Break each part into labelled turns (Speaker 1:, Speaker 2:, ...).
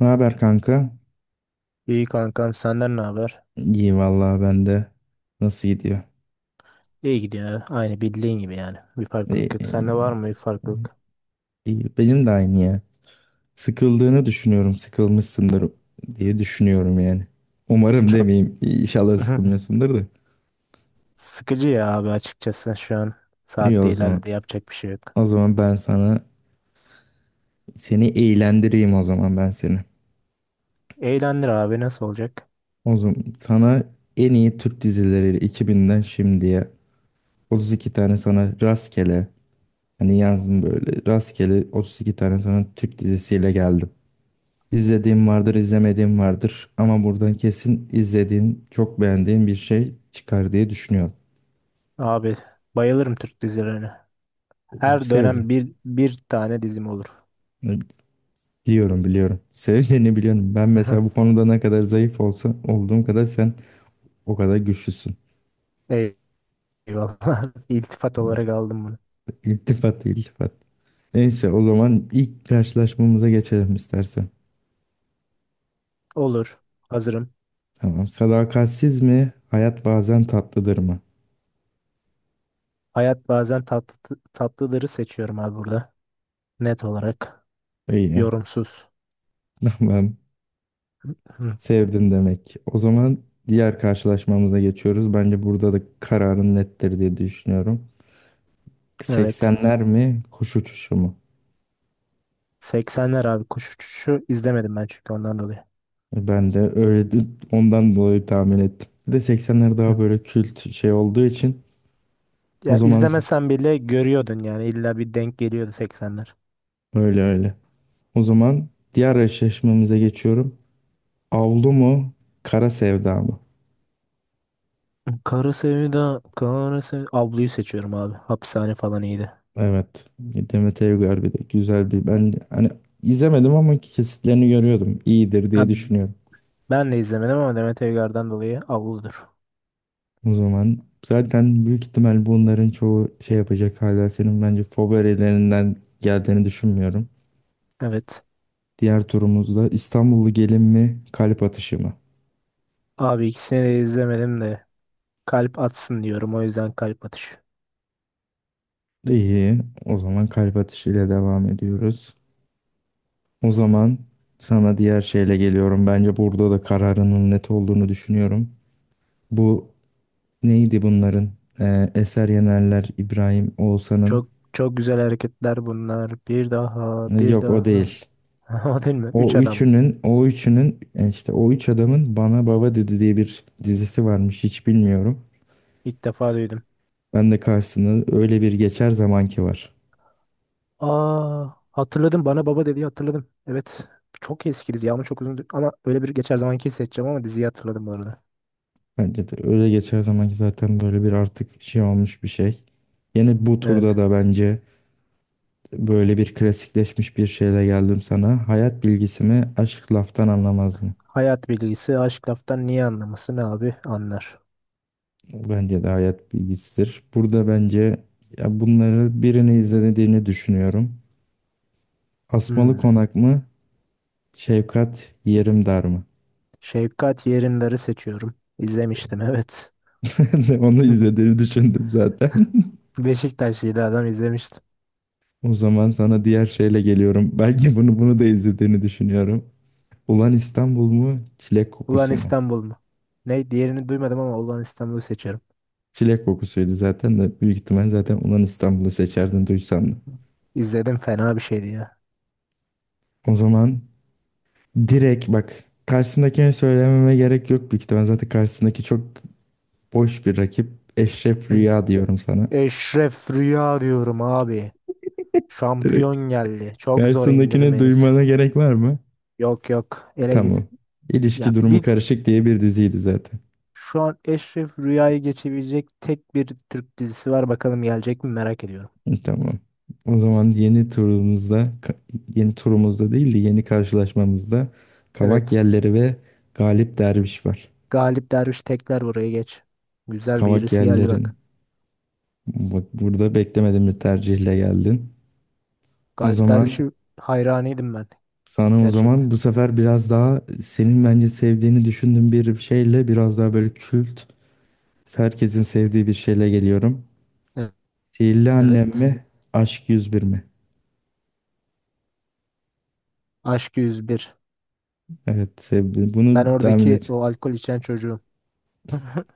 Speaker 1: Ne haber kanka?
Speaker 2: İyi kankam, senden ne haber?
Speaker 1: İyi vallahi ben de. Nasıl gidiyor?
Speaker 2: İyi gidiyor. Aynı bildiğin gibi yani. Bir farklılık yok. Sende var
Speaker 1: Ee,
Speaker 2: mı bir farklılık?
Speaker 1: iyi. Benim de aynı ya. Sıkıldığını düşünüyorum. Sıkılmışsındır diye düşünüyorum yani. Umarım
Speaker 2: Çok
Speaker 1: demeyeyim. İnşallah sıkılmıyorsundur da.
Speaker 2: sıkıcı ya abi, açıkçası şu an.
Speaker 1: İyi
Speaker 2: Saat
Speaker 1: o
Speaker 2: de
Speaker 1: zaman.
Speaker 2: ilerledi, yapacak bir şey yok.
Speaker 1: O zaman ben sana seni eğlendireyim o zaman ben seni.
Speaker 2: Eğlendir abi, nasıl olacak?
Speaker 1: O zaman sana en iyi Türk dizileri 2000'den şimdiye 32 tane sana rastgele hani yazdım, böyle rastgele 32 tane sana Türk dizisiyle geldim. İzlediğim vardır, izlemediğim vardır. Ama buradan kesin izlediğin, çok beğendiğin bir şey çıkar diye düşünüyorum.
Speaker 2: Abi, bayılırım Türk dizilerine. Her
Speaker 1: Sevdin.
Speaker 2: dönem bir tane dizim olur.
Speaker 1: Biliyorum, biliyorum. Sevdiğini biliyorum. Ben mesela bu konuda ne kadar zayıf olsa olduğum kadar sen o kadar güçlüsün.
Speaker 2: Eyvallah. İltifat olarak aldım bunu.
Speaker 1: İltifat, iltifat. Neyse o zaman ilk karşılaşmamıza geçelim istersen.
Speaker 2: Olur. Hazırım.
Speaker 1: Tamam. Sadakatsiz mi? Hayat bazen tatlıdır mı?
Speaker 2: Hayat bazen tatlı, tatlıları seçiyorum abi burada. Net olarak.
Speaker 1: İyi.
Speaker 2: Yorumsuz.
Speaker 1: Tamam.
Speaker 2: Hı,
Speaker 1: Sevdin demek. O zaman diğer karşılaşmamıza geçiyoruz. Bence burada da kararın nettir diye düşünüyorum.
Speaker 2: evet.
Speaker 1: 80'ler mi, kuş uçuşu mu?
Speaker 2: 80'ler abi, kuş uçuşu izlemedim ben, çünkü ondan dolayı.
Speaker 1: Ben de öyle ondan dolayı tahmin ettim. Bir de 80'ler
Speaker 2: Hı.
Speaker 1: daha böyle kült şey olduğu için o
Speaker 2: Ya
Speaker 1: zaman
Speaker 2: izlemesen bile görüyordun yani, illa bir denk geliyordu 80'ler.
Speaker 1: öyle öyle. O zaman diğer eşleşmemize geçiyorum. Avlu mu, Kara Sevda mı?
Speaker 2: Kara Sevda, Kara Sevda. Ablu'yu seçiyorum abi. Hapishane falan iyiydi.
Speaker 1: Evet. Demet Evgar bir de güzel bir, ben hani izlemedim ama kesitlerini görüyordum. İyidir
Speaker 2: Ha,
Speaker 1: diye düşünüyorum.
Speaker 2: ben de izlemedim ama Demet Evgar'dan dolayı Ablu'dur.
Speaker 1: O zaman zaten büyük ihtimal bunların çoğu şey yapacak, hala senin bence favorilerinden geldiğini düşünmüyorum.
Speaker 2: Evet.
Speaker 1: Diğer turumuzda İstanbullu gelin mi, kalp atışı mı?
Speaker 2: Abi, ikisini de izlemedim de kalp atsın diyorum, o yüzden kalp atışı.
Speaker 1: İyi, o zaman kalp atışıyla devam ediyoruz. O zaman sana diğer şeyle geliyorum. Bence burada da kararının net olduğunu düşünüyorum. Bu neydi bunların? Eser Yenerler, İbrahim Oğuzhan'ın...
Speaker 2: Çok çok güzel hareketler bunlar. Bir daha, bir
Speaker 1: Yok, o
Speaker 2: daha.
Speaker 1: değil.
Speaker 2: O değil mi? Üç
Speaker 1: O
Speaker 2: adam.
Speaker 1: üçünün, o üçünün işte o üç adamın Bana Baba Dedi diye bir dizisi varmış, hiç bilmiyorum.
Speaker 2: İlk defa duydum.
Speaker 1: Ben de karşısına öyle bir geçer zamanki var.
Speaker 2: Aa, hatırladım. Bana baba dediği, hatırladım. Evet. Çok eski dizi ama çok uzun, ama öyle bir geçer zamanki seçeceğim, ama diziyi hatırladım bu arada.
Speaker 1: Bence de öyle geçer zamanki zaten böyle bir artık şey olmuş bir şey. Yine bu turda
Speaker 2: Evet.
Speaker 1: da bence böyle bir klasikleşmiş bir şeyle geldim sana. Hayat bilgisi mi, aşk laftan anlamaz mı?
Speaker 2: Hayat bilgisi, aşk laftan niye anlaması, ne abi anlar.
Speaker 1: Bence de hayat bilgisidir. Burada bence ya bunları birini izlediğini düşünüyorum. Asmalı
Speaker 2: Hmm.
Speaker 1: Konak mı, Şefkat Yerim Dar mı?
Speaker 2: Şefkat Yerindar'ı seçiyorum. İzlemiştim, evet.
Speaker 1: Ben de onu izlediğini düşündüm zaten.
Speaker 2: Beşiktaşlıydı adam, izlemiştim.
Speaker 1: O zaman sana diğer şeyle geliyorum. Belki bunu da izlediğini düşünüyorum. Ulan İstanbul mu? Çilek
Speaker 2: Ulan
Speaker 1: kokusu mu?
Speaker 2: İstanbul mu? Ne, diğerini duymadım ama Ulan İstanbul'u seçiyorum.
Speaker 1: Çilek kokusuydu zaten de büyük ihtimal zaten Ulan İstanbul'u seçerdin duysan da.
Speaker 2: İzledim, fena bir şeydi ya.
Speaker 1: O zaman direkt bak, karşısındakine söylememe gerek yok büyük ihtimal. Zaten karşısındaki çok boş bir rakip. Eşref
Speaker 2: Evet.
Speaker 1: Rüya diyorum sana.
Speaker 2: Eşref Rüya diyorum abi.
Speaker 1: Direkt
Speaker 2: Şampiyon geldi. Çok zor
Speaker 1: karşısındakini
Speaker 2: indirmeniz.
Speaker 1: duymana gerek var mı?
Speaker 2: Yok yok, ele git.
Speaker 1: Tamam.
Speaker 2: Ya
Speaker 1: İlişki durumu
Speaker 2: bir,
Speaker 1: karışık diye bir diziydi zaten.
Speaker 2: şu an Eşref Rüya'yı geçebilecek tek bir Türk dizisi var. Bakalım gelecek mi, merak ediyorum.
Speaker 1: Tamam. O zaman yeni turumuzda, yeni turumuzda değil de yeni karşılaşmamızda Kavak
Speaker 2: Evet.
Speaker 1: Yerleri ve Galip Derviş var.
Speaker 2: Galip Derviş, tekrar buraya geç. Güzel bir
Speaker 1: Kavak
Speaker 2: irisi geldi
Speaker 1: Yerlerin.
Speaker 2: bak.
Speaker 1: Bak, burada beklemedim bir tercihle geldin. O
Speaker 2: Galip
Speaker 1: zaman
Speaker 2: Derviş'i hayranıydım ben.
Speaker 1: sana, o
Speaker 2: Gerçekten.
Speaker 1: zaman bu sefer biraz daha senin bence sevdiğini düşündüğüm bir şeyle, biraz daha böyle kült, herkesin sevdiği bir şeyle geliyorum.
Speaker 2: E-
Speaker 1: Sihirli Annem
Speaker 2: Evet.
Speaker 1: mi? Aşk 101 mi?
Speaker 2: Aşk 101.
Speaker 1: Evet, sevdim.
Speaker 2: Ben
Speaker 1: Bunu tahmin
Speaker 2: oradaki
Speaker 1: et.
Speaker 2: o alkol içen çocuğum.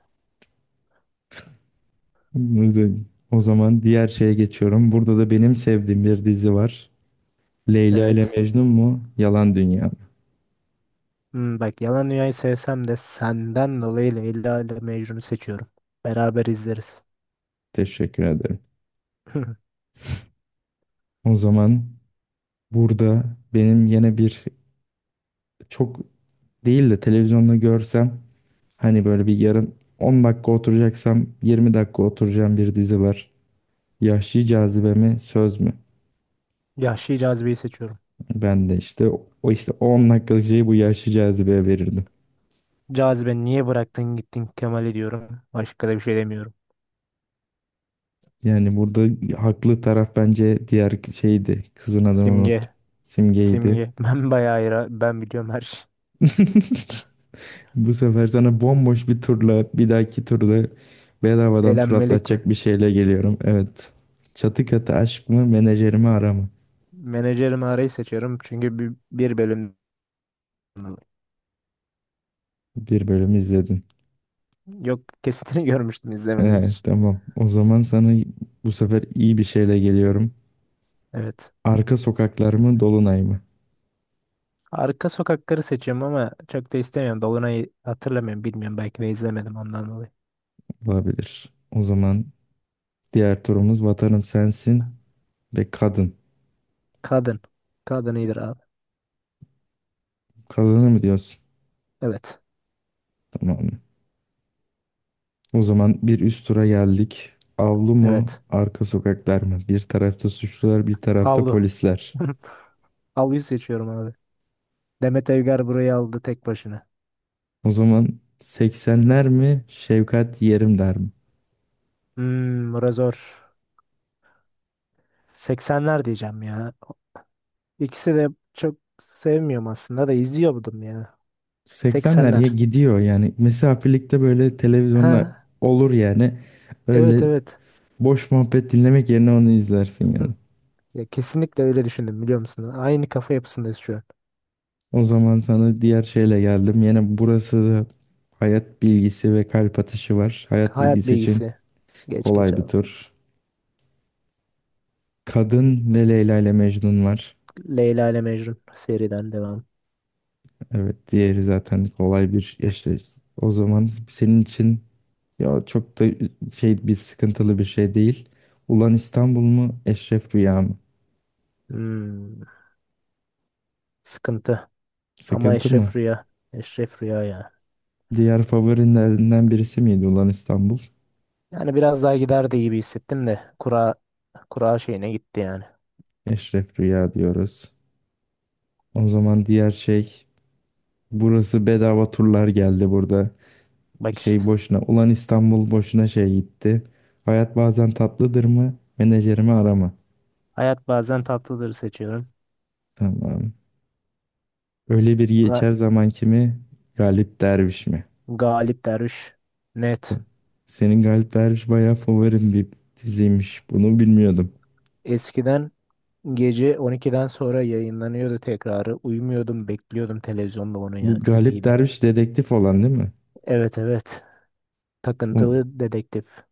Speaker 1: O zaman diğer şeye geçiyorum. Burada da benim sevdiğim bir dizi var. Leyla ile
Speaker 2: Evet.
Speaker 1: Mecnun mu? Yalan Dünya mı?
Speaker 2: Bak, Yalan Dünya'yı sevsem de senden dolayı Leyla ile Mecnun'u seçiyorum. Beraber izleriz.
Speaker 1: Teşekkür ederim. O zaman burada benim yine bir, çok değil de televizyonda görsem hani böyle bir yarım 10 dakika oturacaksam 20 dakika oturacağım bir dizi var. Yahşi Cazibe mi? Söz mü?
Speaker 2: Yahşi Cazibe'yi seçiyorum.
Speaker 1: Ben de işte o işte 10 dakikalık şeyi bu Yahşi Cazibe'ye verirdim.
Speaker 2: Cazibe, niye bıraktın gittin Kemal'i, diyorum. Başka da bir şey demiyorum.
Speaker 1: Yani burada haklı taraf bence diğer şeydi. Kızın adını
Speaker 2: Simge,
Speaker 1: unuttum. Simge'ydi.
Speaker 2: Simge. Ben bayağı ben biliyorum her şey.
Speaker 1: Bu sefer sana bomboş bir turla, bir dahaki turda bedavadan tur
Speaker 2: Eğlenmelik mi?
Speaker 1: atlatacak bir şeyle geliyorum. Evet. Çatı katı aşk mı, menajerimi ara mı?
Speaker 2: Menajerimi arayı seçiyorum, çünkü bir bölüm,
Speaker 1: Bir bölüm izledin.
Speaker 2: yok, kesitini görmüştüm, izlemedim
Speaker 1: Evet,
Speaker 2: hiç.
Speaker 1: tamam. O zaman sana bu sefer iyi bir şeyle geliyorum.
Speaker 2: Evet.
Speaker 1: Arka sokaklar mı, Dolunay mı?
Speaker 2: Arka sokakları seçiyorum ama çok da istemiyorum. Dolunay'ı hatırlamıyorum, bilmiyorum, belki de izlemedim, ondan dolayı.
Speaker 1: Olabilir. O zaman diğer turumuz Vatanım Sensin ve Kadın.
Speaker 2: Kadın. Kadın iyidir abi.
Speaker 1: Kadını mı diyorsun?
Speaker 2: Evet.
Speaker 1: Tamam. O zaman bir üst tura geldik. Avlu mu,
Speaker 2: Evet.
Speaker 1: arka sokaklar mı? Bir tarafta suçlular, bir tarafta
Speaker 2: Avlu.
Speaker 1: polisler.
Speaker 2: Avluyu seçiyorum abi. Demet Evgar burayı aldı tek başına.
Speaker 1: O zaman 80'ler mi, Şevkat Yerim der mi?
Speaker 2: Bura zor. 80'ler diyeceğim ya. İkisi de çok sevmiyorum aslında, da izliyordum ya.
Speaker 1: 80'ler ya
Speaker 2: 80'ler.
Speaker 1: gidiyor yani. Mesafelikte böyle televizyonda
Speaker 2: Ha,
Speaker 1: olur yani.
Speaker 2: evet
Speaker 1: Öyle
Speaker 2: evet.
Speaker 1: boş muhabbet dinlemek yerine onu izlersin yani.
Speaker 2: Hı, ya kesinlikle öyle düşündüm, biliyor musun? Aynı kafa yapısındayız şu an.
Speaker 1: O zaman sana diğer şeyle geldim. Yine burası da hayat bilgisi ve kalp atışı var. Hayat
Speaker 2: Hayat
Speaker 1: bilgisi için
Speaker 2: bilgisi. Geç geç
Speaker 1: kolay bir
Speaker 2: al.
Speaker 1: tur. Kadın ve Leyla ile Mecnun var.
Speaker 2: Leyla ile Mecnun, seriden devam.
Speaker 1: Evet, diğeri zaten kolay bir işte, o zaman senin için ya çok da şey bir, sıkıntılı bir şey değil. Ulan İstanbul mu, Eşref Rüya mı?
Speaker 2: Hmm, sıkıntı. Ama
Speaker 1: Sıkıntı mı?
Speaker 2: Eşref Rüya. Eşref Rüya ya.
Speaker 1: Diğer favorilerinden birisi miydi Ulan İstanbul?
Speaker 2: Yani biraz daha giderdi gibi hissettim de, kura şeyine gitti yani.
Speaker 1: Eşref Rüya diyoruz. O zaman diğer şey, burası bedava turlar geldi burada.
Speaker 2: Bak işte.
Speaker 1: Şey boşuna, Ulan İstanbul boşuna şey gitti. Hayat bazen tatlıdır mı? Menajerimi arama.
Speaker 2: Hayat bazen tatlıdır, seçiyorum.
Speaker 1: Tamam. Öyle bir geçer zaman kimi? Galip Derviş mi?
Speaker 2: Galip Derviş. Net.
Speaker 1: Senin Galip Derviş bayağı favorim bir diziymiş. Bunu bilmiyordum.
Speaker 2: Eskiden gece 12'den sonra yayınlanıyordu tekrarı. Uyumuyordum, bekliyordum televizyonda onu
Speaker 1: Bu
Speaker 2: ya. Çok
Speaker 1: Galip
Speaker 2: iyiydi.
Speaker 1: Derviş dedektif olan değil mi?
Speaker 2: Evet evet.
Speaker 1: O,
Speaker 2: Takıntılı dedektif.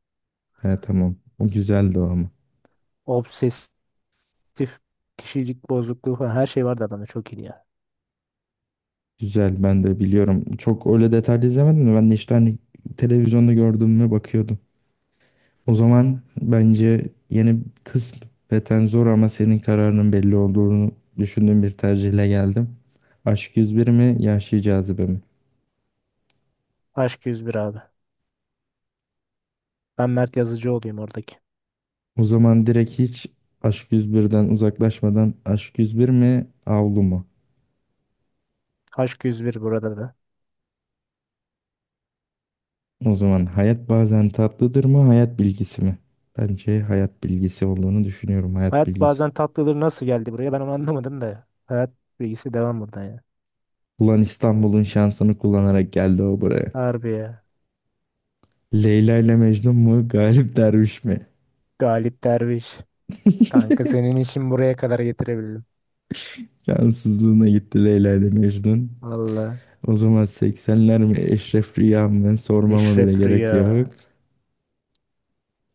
Speaker 1: he, tamam. O güzeldi o ama.
Speaker 2: Obsesif kişilik bozukluğu falan, her şey vardı adamda. Çok iyiydi ya.
Speaker 1: Güzel, ben de biliyorum. Çok öyle detaylı izlemedim de ben de işte hani televizyonda gördüğüme bakıyordum. O zaman bence yeni, kısmeten zor ama senin kararının belli olduğunu düşündüğüm bir tercihle geldim. Aşk 101 mi, Yahşi Cazibe mi?
Speaker 2: Aşk 101 abi. Ben Mert Yazıcı olayım oradaki.
Speaker 1: O zaman direkt hiç Aşk 101'den uzaklaşmadan, Aşk 101 mi, Avlu mu?
Speaker 2: Aşk 101 burada da.
Speaker 1: O zaman hayat bazen tatlıdır mı, hayat bilgisi mi? Bence hayat bilgisi olduğunu düşünüyorum, hayat
Speaker 2: Hayat
Speaker 1: bilgisi.
Speaker 2: bazen tatlıdır, nasıl geldi buraya, ben onu anlamadım da. Hayat bilgisi devam buradan ya.
Speaker 1: Ulan İstanbul'un şansını kullanarak geldi o buraya.
Speaker 2: Harbi ya.
Speaker 1: Leyla ile Mecnun mu, Galip Derviş mi?
Speaker 2: Galip Derviş. Kanka, senin işin buraya kadar, getirebildim.
Speaker 1: Şanssızlığına gitti Leyla ile Mecnun.
Speaker 2: Valla.
Speaker 1: O zaman seksenler mi, Eşref Rüya mı, sormama bile
Speaker 2: Eşref
Speaker 1: gerek
Speaker 2: Rüya.
Speaker 1: yok.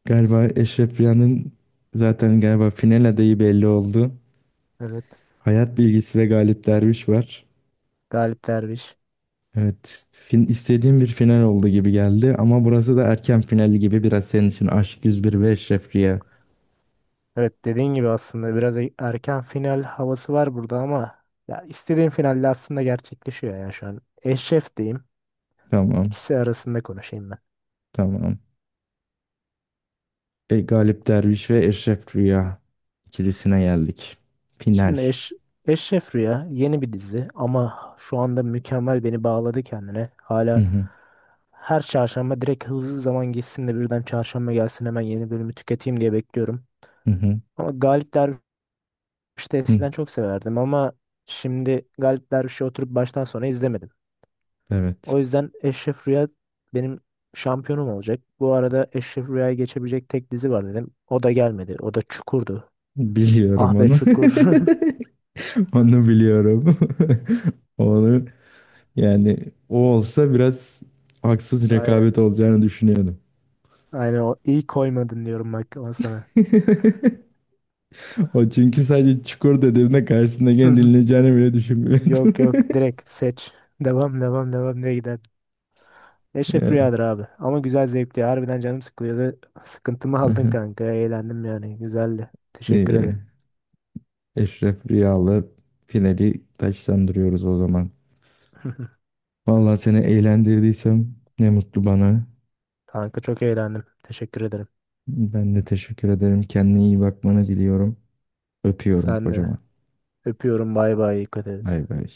Speaker 1: Galiba Eşref Rüya'nın zaten galiba final adayı belli oldu.
Speaker 2: Evet.
Speaker 1: Hayat bilgisi ve Galip Derviş var.
Speaker 2: Galip Derviş.
Speaker 1: Evet, istediğim bir final oldu gibi geldi ama burası da erken finali gibi biraz senin için, Aşk yüz bir ve Eşref Rüya.
Speaker 2: Evet, dediğin gibi aslında biraz erken final havası var burada, ama ya istediğim finalle aslında gerçekleşiyor ya şu an. Eşref diyeyim.
Speaker 1: Tamam,
Speaker 2: İkisi arasında konuşayım ben.
Speaker 1: tamam. E, Galip Derviş ve Eşref Rüya ikilisine geldik. Final.
Speaker 2: Şimdi Eşref Rüya yeni bir dizi ama şu anda mükemmel beni bağladı kendine.
Speaker 1: Hı
Speaker 2: Hala
Speaker 1: hı,
Speaker 2: her çarşamba direkt, hızlı zaman geçsin de birden çarşamba gelsin, hemen yeni bölümü tüketeyim diye bekliyorum.
Speaker 1: hı hı,
Speaker 2: Ama Galip Derviş, İşte
Speaker 1: hı.
Speaker 2: eskiden çok severdim ama şimdi Galip Derviş'i oturup baştan sona izlemedim.
Speaker 1: Evet.
Speaker 2: O yüzden Eşref Rüya benim şampiyonum olacak. Bu arada Eşref Rüya'yı geçebilecek tek dizi var, dedim. O da gelmedi. O da Çukur'du.
Speaker 1: Biliyorum
Speaker 2: Ah be
Speaker 1: onu.
Speaker 2: Çukur.
Speaker 1: Onu biliyorum. Onu yani, o olsa biraz haksız rekabet
Speaker 2: Aynen.
Speaker 1: olacağını düşünüyordum.
Speaker 2: Aynen, o iyi koymadın diyorum bak ama sana.
Speaker 1: O çünkü sadece çukur dediğimde karşısındakini dinleyeceğini bile düşünmüyordu.
Speaker 2: Yok yok, direkt seç. Devam devam devam diye gider. Eşref
Speaker 1: Yani.
Speaker 2: Rüya'dır abi. Ama güzel, zevkli. Harbiden canım sıkılıyordu. Sıkıntımı aldın
Speaker 1: Aha.
Speaker 2: kanka. Eğlendim yani. Güzeldi. Teşekkür
Speaker 1: İyi.
Speaker 2: ederim.
Speaker 1: Eşref Rüyalı finali taçlandırıyoruz o zaman. Vallahi seni eğlendirdiysem ne mutlu bana.
Speaker 2: Kanka, çok eğlendim. Teşekkür ederim.
Speaker 1: Ben de teşekkür ederim. Kendine iyi bakmanı diliyorum. Öpüyorum
Speaker 2: Sen de.
Speaker 1: kocaman.
Speaker 2: Öpüyorum. Bay bay. Dikkat et.
Speaker 1: Bay bay.